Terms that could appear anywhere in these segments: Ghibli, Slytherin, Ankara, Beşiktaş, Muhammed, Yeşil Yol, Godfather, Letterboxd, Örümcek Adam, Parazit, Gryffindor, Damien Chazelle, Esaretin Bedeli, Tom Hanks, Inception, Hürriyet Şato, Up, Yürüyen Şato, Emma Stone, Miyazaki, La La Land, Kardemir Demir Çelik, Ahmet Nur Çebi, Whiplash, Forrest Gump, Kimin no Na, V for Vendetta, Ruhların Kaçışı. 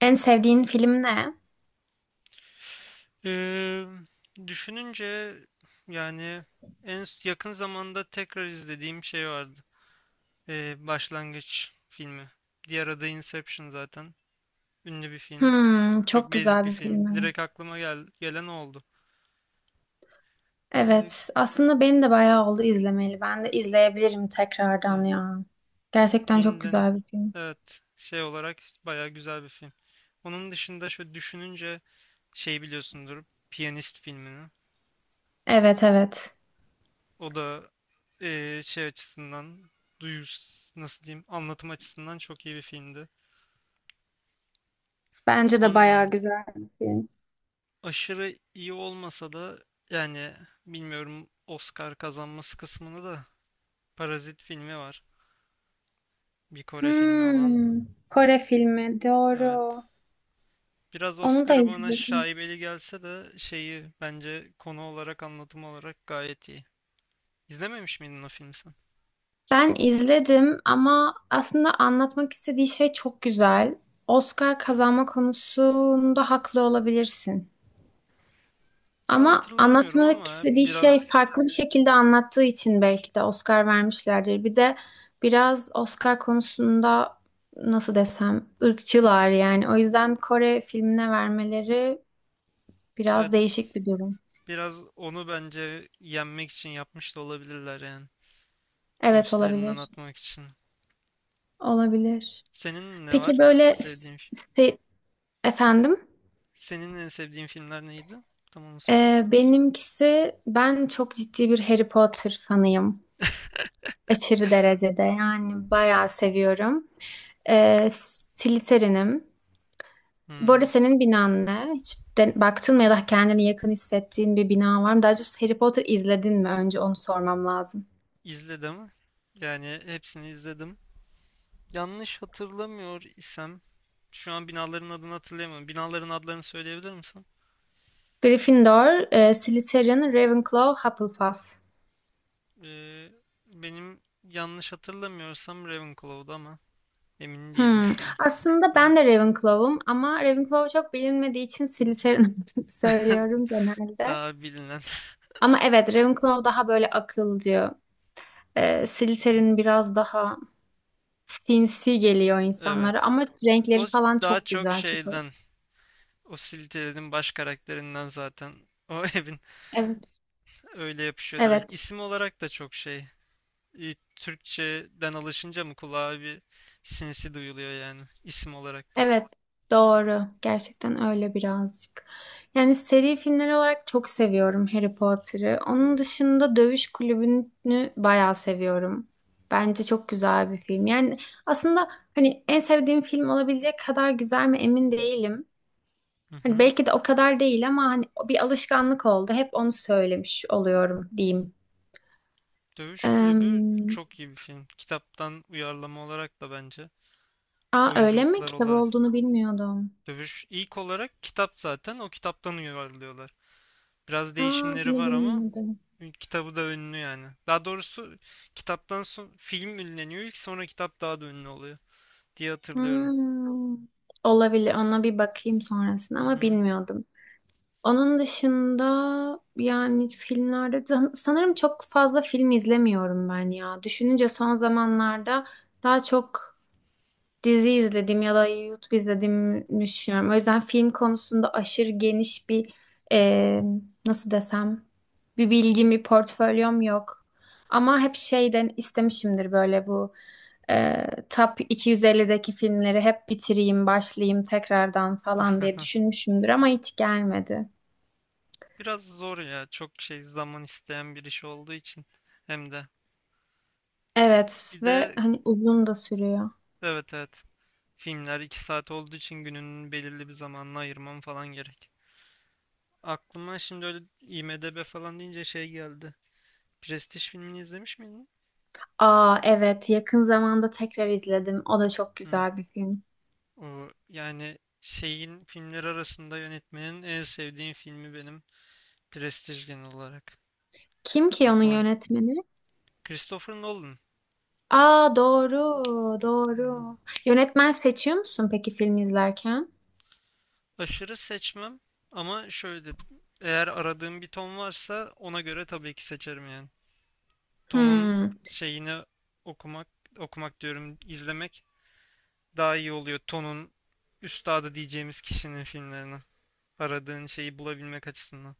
En sevdiğin film ne? Ee, düşününce yani en yakın zamanda tekrar izlediğim şey vardı. Başlangıç filmi. Diğer adı Inception zaten. Ünlü bir film. Hmm, çok Çok basic güzel bir bir film film. Direkt evet. aklıma gelen o oldu. Ee, Evet, aslında benim de bayağı oldu izlemeli. Ben de izleyebilirim tekrardan yani ya. Gerçekten çok yeniden güzel bir film. evet şey olarak bayağı güzel bir film. Onun dışında şöyle düşününce şey biliyorsundur. Piyanist filmini. Evet evet. O da şey açısından duyus nasıl diyeyim anlatım açısından çok iyi bir filmdi. Bence de bayağı Sonra güzel bir film. aşırı iyi olmasa da yani bilmiyorum Oscar kazanması kısmını da Parazit filmi var. Bir Kore filmi olan. Hmm, Kore filmi Evet. doğru. Biraz Onu da Oscar'ı bana izledim. şaibeli gelse de şeyi bence konu olarak anlatım olarak gayet iyi. İzlememiş miydin o filmi sen? Ben izledim ama aslında anlatmak istediği şey çok güzel. Oscar kazanma konusunda haklı olabilirsin. Şu an Ama hatırlamıyorum anlatmak ama istediği şey biraz farklı bir şekilde anlattığı için belki de Oscar vermişlerdir. Bir de biraz Oscar konusunda nasıl desem ırkçılar yani. O yüzden Kore filmine vermeleri biraz evet, değişik bir durum. biraz onu bence yenmek için yapmış da olabilirler yani. O Evet üstlerinden olabilir. atmak için. Olabilir. Senin ne Peki var? böyle Sevdiğin. se- efendim. Senin en sevdiğin filmler neydi? Tam onu soruyorum. Benimkisi ben çok ciddi bir Harry Potter fanıyım. Aşırı derecede yani bayağı seviyorum. Slytherin'im. Bu arada Hmm, senin binan ne? Hiç baktın mı ya da kendini yakın hissettiğin bir bina var mı? Daha doğrusu Harry Potter izledin mi? Önce onu sormam lazım. izledim. Yani hepsini izledim. Yanlış hatırlamıyor isem, şu an binaların adını hatırlayamıyorum. Binaların adlarını söyleyebilir misin? Gryffindor, Slytherin, Ravenclaw, Hufflepuff. Ee, benim yanlış hatırlamıyorsam Ravenclaw'du ama emin değilim Hmm. şu an. Aslında Ben ben de Ravenclaw'um ama Ravenclaw çok bilinmediği için Slytherin olduğunu söylüyorum genelde. daha bilinen. Ama evet Ravenclaw daha böyle akılcı. Slytherin biraz daha sinsi geliyor Evet. insanlara ama O renkleri falan daha çok çok güzel. Çok... şeyden, o Slytherin'in baş karakterinden zaten. O evin Evet. öyle yapışıyor direkt. Evet. İsim olarak da çok şey. E, Türkçeden alışınca mı kulağa bir sinsi duyuluyor yani isim olarak da. Evet, doğru. Gerçekten öyle birazcık. Yani seri filmler olarak çok seviyorum Harry Potter'ı. Onun dışında Dövüş Kulübü'nü bayağı seviyorum. Bence çok güzel bir film. Yani aslında hani en sevdiğim film olabilecek kadar güzel mi emin değilim. Hı Hani hı. belki de o kadar değil ama hani bir alışkanlık oldu. Hep onu söylemiş oluyorum diyeyim. Dövüş Kulübü Eee, çok iyi bir film. Kitaptan uyarlama olarak da bence. aa öyle mi? Oyunculuklar Kitap olarak. olduğunu bilmiyordum. Dövüş ilk olarak kitap zaten, o kitaptan uyarlıyorlar. Biraz Aa değişimleri bunu var ama bilmiyordum. kitabı da ünlü yani. Daha doğrusu kitaptan son film ünleniyor ilk, sonra kitap daha da ünlü oluyor diye hatırlıyorum. Hmm, olabilir. Ona bir bakayım sonrasında Hı ama hı. bilmiyordum. Onun dışında yani filmlerde sanırım çok fazla film izlemiyorum ben ya. Düşününce son zamanlarda daha çok dizi izledim ya da YouTube izlediğimi düşünüyorum. O yüzden film konusunda aşırı geniş bir e, nasıl desem bir bilgim, bir portfolyom yok. Ama hep şeyden istemişimdir böyle bu Top 250'deki filmleri hep bitireyim, başlayayım tekrardan falan diye düşünmüşümdür ama hiç gelmedi. Biraz zor ya. Çok şey zaman isteyen bir iş olduğu için hem de. Evet Bir ve de hani uzun da sürüyor. evet evet, filmler 2 saat olduğu için gününün belirli bir zamanını ayırmam falan gerek. Aklıma şimdi öyle IMDb falan deyince şey geldi. Prestige filmini izlemiş miydin? Aa evet yakın zamanda tekrar izledim. O da çok Hı. güzel bir film. O, yani şeyin filmleri arasında yönetmenin en sevdiğim filmi benim. Prestige genel olarak. Kim ki onun Aklıma yönetmeni? Christopher Nolan. Aa doğru, Hı. doğru. Yönetmen seçiyor musun peki film izlerken? Aşırı seçmem ama şöyle, eğer aradığım bir ton varsa ona göre tabii ki seçerim yani. Ton'un Hmm, şeyini okumak, okumak diyorum, izlemek daha iyi oluyor. Ton'un üstadı diyeceğimiz kişinin filmlerini. Aradığın şeyi bulabilmek açısından.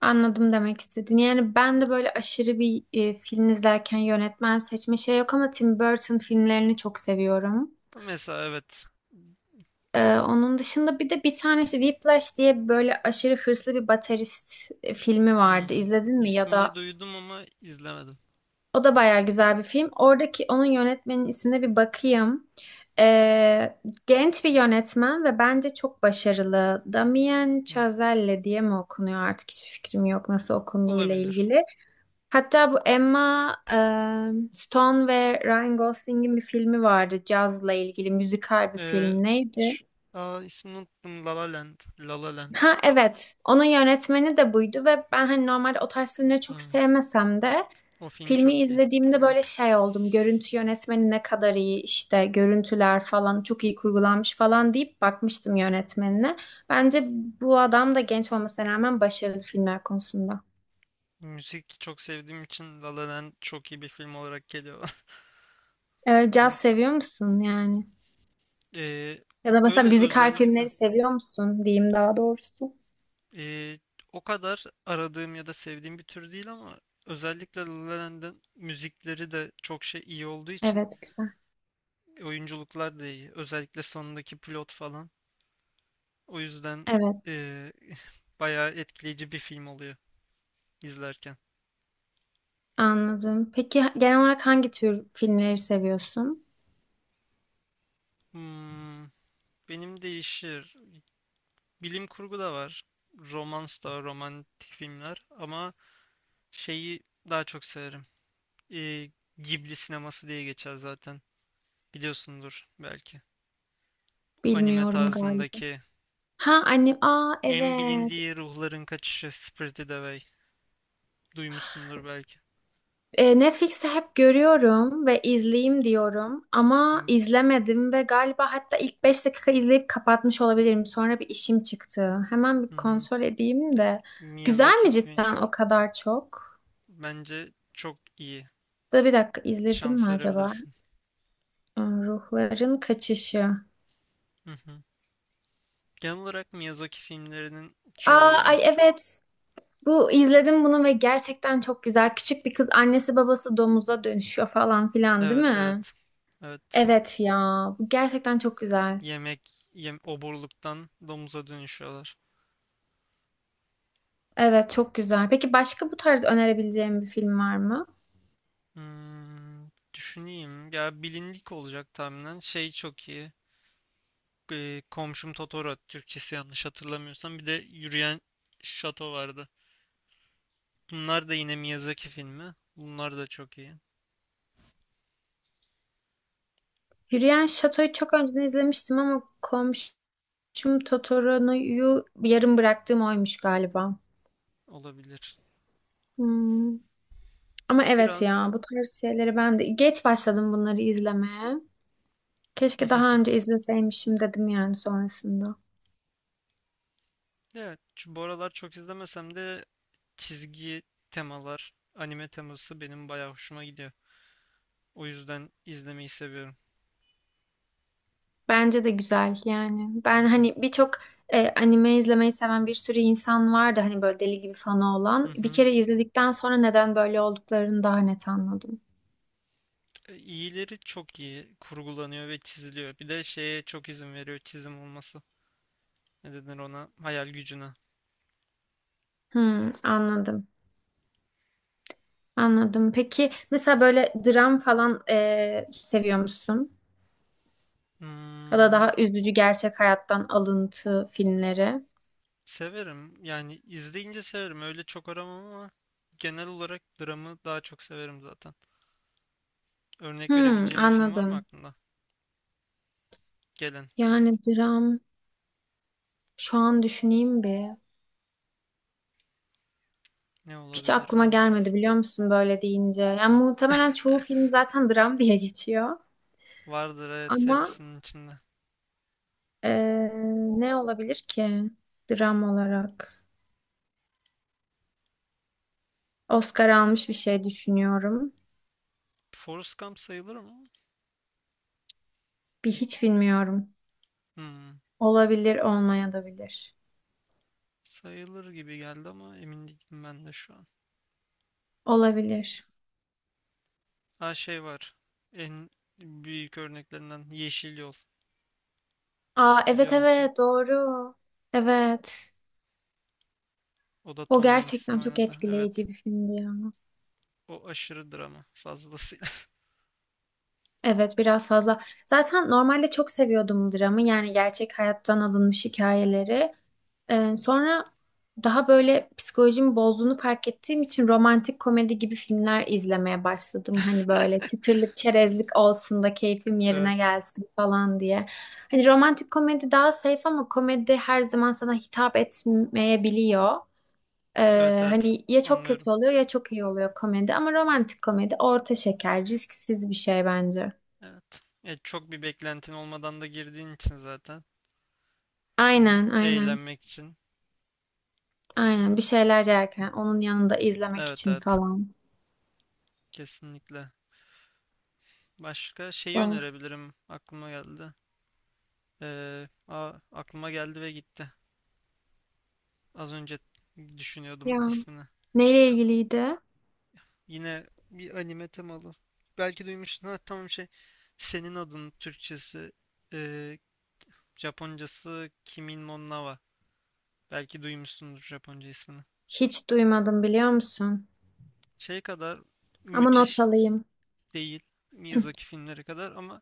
anladım demek istediğini. Yani ben de böyle aşırı bir film izlerken yönetmen seçme şey yok ama Tim Burton filmlerini çok seviyorum. Mesela evet. Onun dışında bir de bir tane işte Whiplash diye böyle aşırı hırslı bir baterist filmi vardı. Hmm. İzledin mi ya İsmini da duydum ama izlemedim. o da bayağı güzel bir film. Oradaki onun yönetmenin ismine bir bakayım. Ee, genç bir yönetmen ve bence çok başarılı. Damien Hı. Chazelle diye mi okunuyor artık hiçbir fikrim yok nasıl okunduğuyla Olabilir. ilgili. Hatta bu Emma Stone ve Ryan Gosling'in bir filmi vardı cazla ilgili müzikal bir Ee, film. Neydi? şu- aa, ismini unuttum. La La Land. La La Land. Ha evet. Onun yönetmeni de buydu ve ben hani normalde o tarz filmleri çok Hmm. sevmesem de O film filmi çok iyi. izlediğimde böyle Evet. şey oldum. Görüntü yönetmeni ne kadar iyi işte görüntüler falan çok iyi kurgulanmış falan deyip bakmıştım yönetmenine. Bence bu adam da genç olmasına rağmen başarılı filmler konusunda. Müzik çok sevdiğim için La La Land çok iyi bir film olarak geliyor. Hmm. Caz seviyor musun yani? Ee, Ya da öyle mesela müzikal filmleri özellikle seviyor musun diyeyim daha doğrusu. Ee, o kadar aradığım ya da sevdiğim bir tür değil ama özellikle La La Land'in müzikleri de çok şey iyi olduğu için Evet güzel. oyunculuklar da iyi. Özellikle sonundaki plot falan. O yüzden Evet ee, bayağı etkileyici bir film oluyor izlerken. anladım. Peki genel olarak hangi tür filmleri seviyorsun? Hmm, benim değişir. Bilim kurgu da var. Romans da var, romantik filmler. Ama şeyi daha çok severim. Ee, Ghibli sineması diye geçer zaten. Biliyorsundur belki. Anime Bilmiyorum galiba. tarzındaki. Ha annem, aa En evet. bilindiği ruhların kaçışı Spirited Away. Duymuşsundur belki. Netflix'te hep görüyorum ve izleyeyim diyorum Hı. ama izlemedim ve galiba hatta ilk 5 dakika izleyip kapatmış olabilirim. Sonra bir işim çıktı. Hemen bir Hı hı. kontrol edeyim de. Güzel Miyazaki mi film. cidden o kadar çok? Bence çok iyi. Da bir dakika izledim mi Şans acaba? verebilirsin. Ruhların Kaçışı. Hı hı. Genel olarak Miyazaki filmlerinin çoğu Aa iyi. ay evet. Bu izledim bunu ve gerçekten çok güzel. Küçük bir kız annesi babası domuza dönüşüyor falan filan değil Evet mi? evet. Evet. Evet ya, bu gerçekten çok güzel. Yemek, yem oburluktan domuza dönüşüyorlar. Evet, çok güzel. Peki başka bu tarz önerebileceğim bir film var mı? Hmm, düşüneyim. Ya bilindik olacak tahminen. Şey çok iyi. Komşum Totoro Türkçesi yanlış hatırlamıyorsam. Bir de Yürüyen Şato vardı. Bunlar da yine Miyazaki filmi. Bunlar da çok iyi, Hürriyet Şato'yu çok önceden izlemiştim ama komşum Totoro'yu yarım bıraktığım oymuş galiba. olabilir. Hmm. Ama evet Biraz ya, bu tarz şeyleri ben de geç başladım bunları izlemeye. Keşke daha önce izleseymişim dedim yani sonrasında. evet bu aralar çok izlemesem de çizgi temalar, anime teması benim bayağı hoşuma gidiyor. O yüzden izlemeyi seviyorum. Bence de güzel yani. Ben hani birçok anime izlemeyi seven bir sürü insan vardı hani böyle deli gibi fanı Hı olan. Bir hı. kere izledikten sonra neden böyle olduklarını daha net anladım. E, İyileri çok iyi kurgulanıyor ve çiziliyor. Bir de şeye çok izin veriyor çizim olması. Ne denir ona? Hayal gücüne. Hmm, anladım. Anladım. Peki mesela böyle dram falan seviyor musun? Ya da Hmm, daha üzücü gerçek hayattan alıntı filmleri. severim. Yani izleyince severim. Öyle çok aramam ama genel olarak dramı daha çok severim zaten. Örnek Hmm, verebileceğim bir film var mı anladım. aklında? Gelen. Yani dram şu an düşüneyim bir. Ne Hiç olabilir aklıma ben? gelmedi biliyor musun böyle deyince. Yani muhtemelen çoğu film zaten dram diye geçiyor. Vardır evet, Ama hepsinin içinde. eee, ne olabilir ki dram olarak? Oscar almış bir şey düşünüyorum. Forrest Gump sayılır mı? Bir hiç bilmiyorum. Hmm, Olabilir, olmaya da bilir. sayılır gibi geldi ama emin değilim ben de şu an. Olabilir. Ha şey var. En büyük örneklerinden Yeşil Yol. Aa evet Biliyor musun? evet doğru. Evet. O da O Tom Hanks'in gerçekten çok oynadı. Evet. etkileyici bir filmdi ya. O aşırı drama fazlasıyla. Evet biraz fazla. Zaten normalde çok seviyordum dramı. Yani gerçek hayattan alınmış hikayeleri. Sonra daha böyle psikolojimi bozduğunu fark ettiğim için romantik komedi gibi filmler izlemeye başladım. Hani böyle çıtırlık, çerezlik olsun da keyfim yerine Evet. gelsin falan diye. Hani romantik komedi daha safe ama komedi her zaman sana hitap etmeyebiliyor. Evet evet. Hani ya çok Anlıyorum. kötü oluyor ya çok iyi oluyor komedi ama romantik komedi orta şeker, risksiz bir şey bence. Evet. E, çok bir beklentin olmadan da girdiğin için zaten. Hani Aynen, aynen. eğlenmek için. Aynen bir şeyler yerken onun yanında izlemek Evet için evet, falan. kesinlikle. Başka şeyi Doğru. önerebilirim, aklıma geldi. Aklıma geldi ve gitti. Az önce düşünüyordum Ya ismini. neyle ilgiliydi? Yine bir anime temalı. Belki duymuşsun, ha tamam şey. Senin adın Türkçesi, e, Japoncası Kimin no Na. Belki duymuşsundur Japonca ismini. Hiç duymadım biliyor musun? Şey kadar Ama not müthiş alayım. değil. Miyazaki filmleri kadar, ama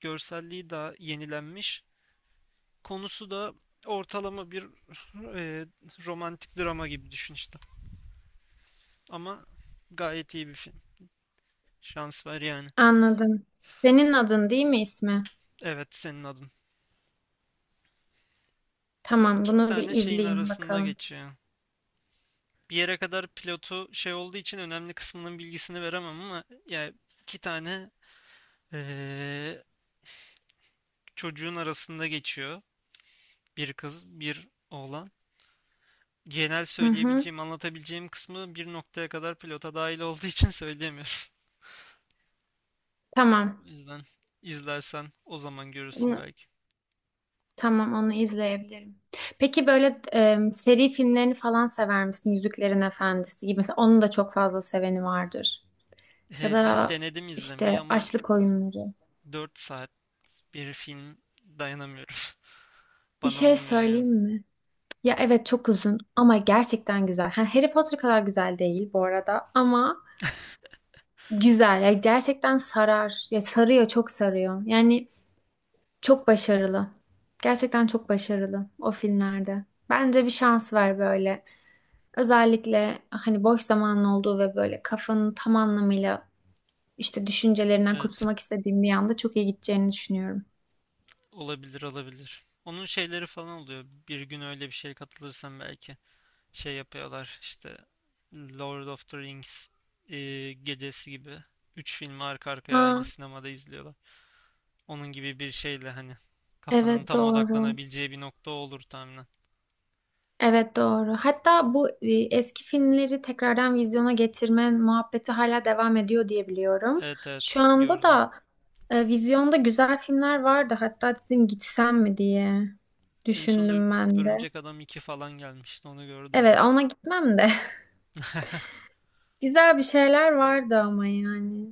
görselliği daha yenilenmiş. Konusu da ortalama bir e, romantik drama gibi düşün işte. Ama gayet iyi bir film. Şans var yani. Anladım. Senin adın değil mi ismi? Evet, senin adın. Tamam, İki bunu bir tane şeyin izleyeyim arasında bakalım. geçiyor. Bir yere kadar pilotu şey olduğu için önemli kısmının bilgisini veremem ama yani iki tane e, çocuğun arasında geçiyor. Bir kız, bir oğlan. Genel Hı hı. söyleyebileceğim, anlatabileceğim kısmı bir noktaya kadar pilota dahil olduğu için söyleyemiyorum. O Tamam. yüzden izlersen o zaman görürsün Onu, belki. tamam, onu izleyebilirim. Peki böyle seri filmlerini falan sever misin? Yüzüklerin Efendisi gibi. Mesela onun da çok fazla seveni vardır. Ya Ben da denedim işte izlemeyi ama Açlık Oyunları. 4 saat bir film dayanamıyorum. Bir Bana şey olmuyor yani. söyleyeyim mi? Ya evet çok uzun ama gerçekten güzel. Ha, Harry Potter kadar güzel değil bu arada ama güzel. Ya gerçekten sarar. Ya sarıyor, çok sarıyor. Yani çok başarılı. Gerçekten çok başarılı o filmlerde. Bence bir şans ver böyle. Özellikle hani boş zamanın olduğu ve böyle kafanın tam anlamıyla işte düşüncelerinden Evet, kurtulmak istediğim bir anda çok iyi gideceğini düşünüyorum. olabilir olabilir. Onun şeyleri falan oluyor. Bir gün öyle bir şeye katılırsam belki şey yapıyorlar işte, Lord of the Rings e, gecesi gibi. Üç filmi arka arkaya aynı Ha, sinemada izliyorlar. Onun gibi bir şeyle hani kafanın evet tam doğru. odaklanabileceği bir nokta olur tahminen. Evet doğru. Hatta bu eski filmleri tekrardan vizyona getirme muhabbeti hala devam ediyor diye biliyorum. Evet evet, Şu anda gördüm. da vizyonda güzel filmler vardı. Hatta dedim gitsem mi diye En son düşündüm ben de. Örümcek Adam iki falan gelmişti, onu gördüm Evet ben. ona gitmem de. Güzel bir şeyler vardı ama yani.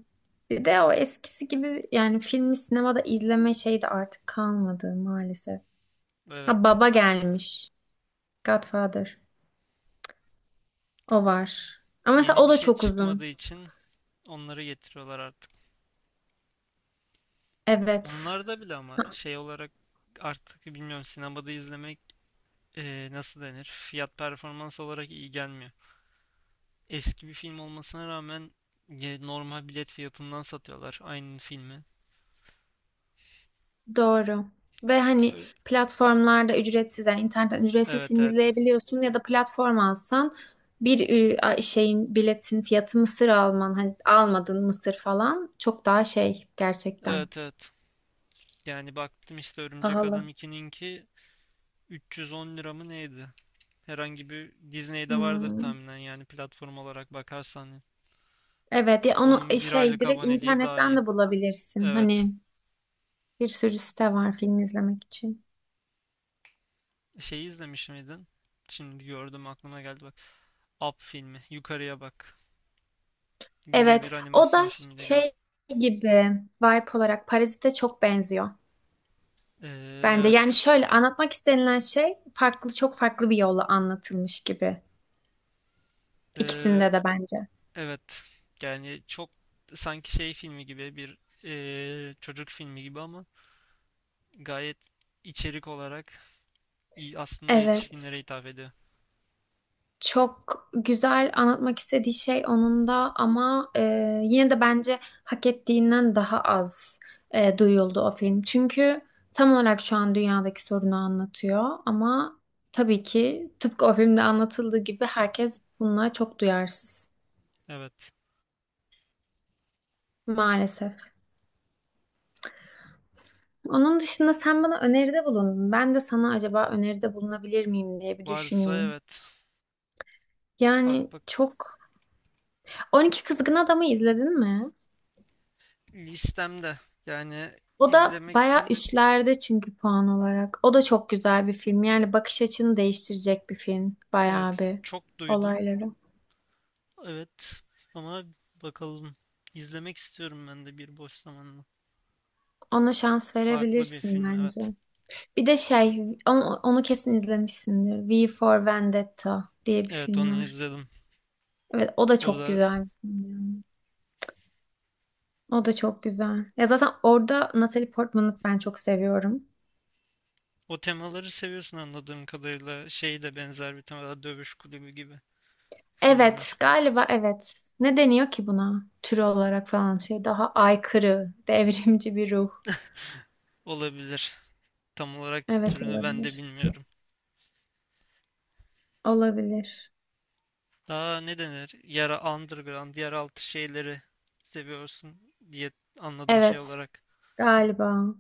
Bir de o eskisi gibi yani filmi sinemada izleme şeyi de artık kalmadı maalesef. Ha Evet. Baba gelmiş. Godfather. O var. Ama mesela Yeni o bir da şey çok çıkmadığı uzun. için onları getiriyorlar artık. Evet. Onlar da bile ama şey olarak artık bilmiyorum, sinemada izlemek nasıl denir? Fiyat performans olarak iyi gelmiyor. Eski bir film olmasına rağmen normal bilet fiyatından satıyorlar aynı filmi. Doğru. Ve hani Ö- platformlarda ücretsiz yani internetten ücretsiz Evet film evet. izleyebiliyorsun ya da platform alsan bir şeyin biletin fiyatı mısır alman hani almadın mısır falan çok daha şey gerçekten Evet evet. Yani baktım işte Örümcek Adam pahalı. 2'ninki 310 lira mı neydi? Herhangi bir Disney'de vardır Hmm. tahminen yani, platform olarak bakarsan. Evet ya onu Onun bir şey aylık direkt aboneliği daha internetten iyi. de bulabilirsin. Evet. Hani bir sürü site var film izlemek için. Şeyi izlemiş miydin? Şimdi gördüm, aklıma geldi bak. Up filmi. Yukarıya bak. Yine bir Evet o animasyon da filmiyle geldi. şey gibi vibe olarak Parazit'e çok benziyor. Ee, Bence yani evet. şöyle anlatmak istenilen şey farklı çok farklı bir yolla anlatılmış gibi. Ee, İkisinde de bence. evet. Yani çok sanki şey filmi gibi bir çocuk filmi gibi ama gayet içerik olarak iyi, aslında yetişkinlere Evet. hitap ediyor. Çok güzel anlatmak istediği şey onun da ama yine de bence hak ettiğinden daha az duyuldu o film. Çünkü tam olarak şu an dünyadaki sorunu anlatıyor ama tabii ki tıpkı o filmde anlatıldığı gibi herkes bununla çok duyarsız. Evet. Maalesef. Onun dışında sen bana öneride bulundun. Ben de sana acaba öneride bulunabilir miyim diye bir Varsa düşüneyim. evet. Bak Yani bak, çok... 12 Kızgın Adam'ı izledin mi? listemde. Yani O da izlemek bayağı için üstlerde çünkü puan olarak. O da çok güzel bir film. Yani bakış açını değiştirecek bir film. Bayağı evet, bir çok duydum. olayları. Evet ama bakalım. İzlemek istiyorum ben de bir boş zamanla. Ona şans Farklı bir verebilirsin film bence. evet. Bir de şey, onu, onu kesin izlemişsindir. V for Vendetta diye bir Evet onu film var. izledim. Evet, o da O çok da güzel bir film yani. O da çok güzel. Ya zaten orada Natalie Portman'ı ben çok seviyorum. o temaları seviyorsun anladığım kadarıyla. Şey de benzer bir tema, Dövüş Kulübü gibi Evet, filmler. galiba evet. Ne deniyor ki buna? Tür olarak falan şey daha aykırı, devrimci bir ruh. Olabilir. Tam olarak Evet türünü ben de olabilir. bilmiyorum. Olabilir. Daha ne denir? Yara underground, yeraltı şeyleri seviyorsun diye anladım şey Evet, olarak. galiba.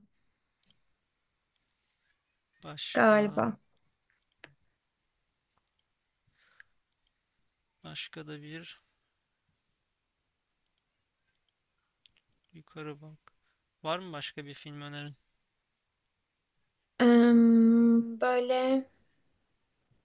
Başka Galiba. başka da bir, yukarı bak. Var mı başka bir film önerin? Böyle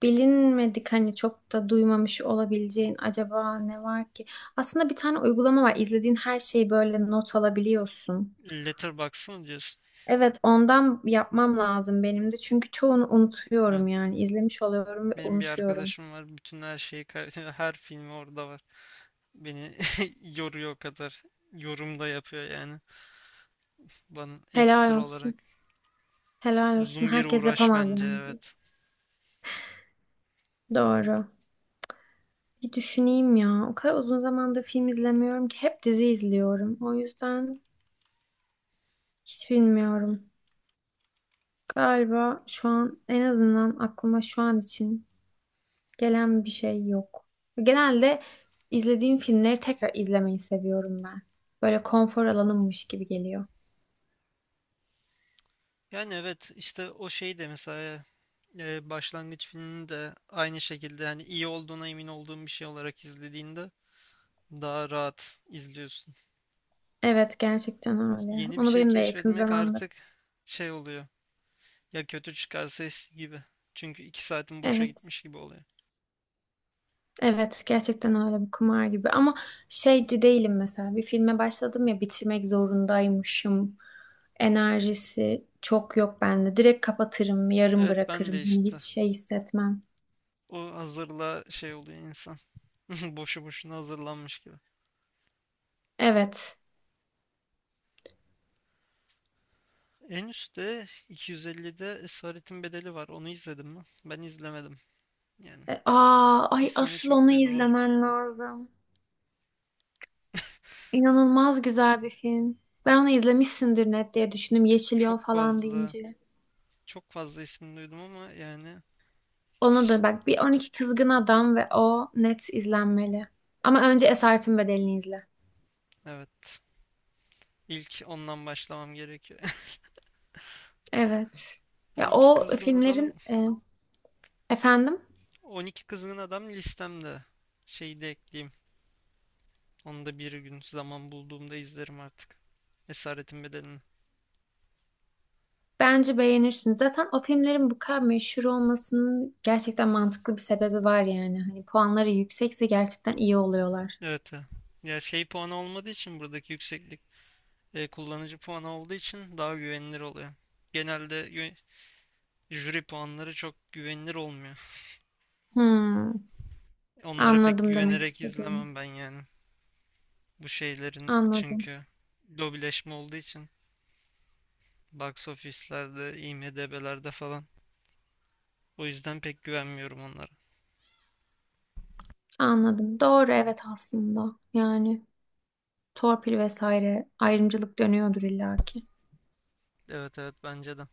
bilinmedik hani çok da duymamış olabileceğin acaba ne var ki? Aslında bir tane uygulama var. İzlediğin her şeyi böyle not alabiliyorsun. Letterboxd mı diyorsun? Evet, ondan yapmam lazım benim de. Çünkü çoğunu Evet. unutuyorum yani. İzlemiş oluyorum ve Benim bir unutuyorum. arkadaşım var. Bütün her şeyi, her filmi orada var. Beni yoruyor o kadar. Yorum da yapıyor yani. Bana Helal ekstra olarak. olsun. Helal olsun. Uzun bir Herkes uğraş yapamaz bence yani. evet. Bir- Doğru. Bir düşüneyim ya. O kadar uzun zamandır film izlemiyorum ki hep dizi izliyorum. O yüzden hiç bilmiyorum. Galiba şu an en azından aklıma şu an için gelen bir şey yok. Genelde izlediğim filmleri tekrar izlemeyi seviyorum ben. Böyle konfor alanımmış gibi geliyor. Yani evet işte o şey de mesela e, başlangıç filmini de aynı şekilde hani iyi olduğuna emin olduğum bir şey olarak izlediğinde daha rahat izliyorsun. Evet gerçekten öyle. Yeni bir Onu şey benim de yakın keşfetmek zamanda. artık şey oluyor. Ya kötü çıkarsa eski gibi. Çünkü iki saatin boşa Evet. gitmiş gibi oluyor. Evet gerçekten öyle bir kumar gibi. Ama şeyci değilim mesela. Bir filme başladım ya bitirmek zorundaymışım. Enerjisi çok yok bende. Direkt kapatırım, yarım Evet ben de bırakırım. Hani işte, hiç şey hissetmem. o hazırla şey oluyor insan. Boşu boşuna hazırlanmış gibi. Evet. En üstte 250'de Esaretin Bedeli var. Onu izledim mi? Ben izlemedim. Yani Aa, ay ismini asıl çok onu duydum ama izlemen lazım. İnanılmaz güzel bir film. Ben onu izlemişsindir net diye düşündüm. Yeşil Yol çok falan fazla deyince. çok fazla ismini duydum ama yani Onu hiç, da bak bir 12 Kızgın Adam ve o net izlenmeli. Ama önce Esaretin Bedeli'ni izle. evet. İlk ondan başlamam gerekiyor. Evet. Ya 12 o Kızgın Adam. filmlerin efendim 12 Kızgın Adam listemde. Şeyi de ekleyeyim. Onu da bir gün zaman bulduğumda izlerim artık. Esaretin Bedeli'ni. bence beğenirsiniz. Zaten o filmlerin bu kadar meşhur olmasının gerçekten mantıklı bir sebebi var yani. Hani puanları yüksekse gerçekten iyi oluyorlar. Evet. Evet. Ya şey puanı olmadığı için buradaki yükseklik e, kullanıcı puanı olduğu için daha güvenilir oluyor. Genelde jüri puanları çok güvenilir olmuyor. Hmm, Onlara pek anladım demek güvenerek istediğimi. izlemem ben yani. Bu şeylerin Anladım. çünkü lobileşme olduğu için box office'lerde, IMDb'lerde falan. O yüzden pek güvenmiyorum onlara. Anladım. Doğru evet aslında. Yani torpil vesaire ayrımcılık dönüyordur illaki. Evet evet, bence de.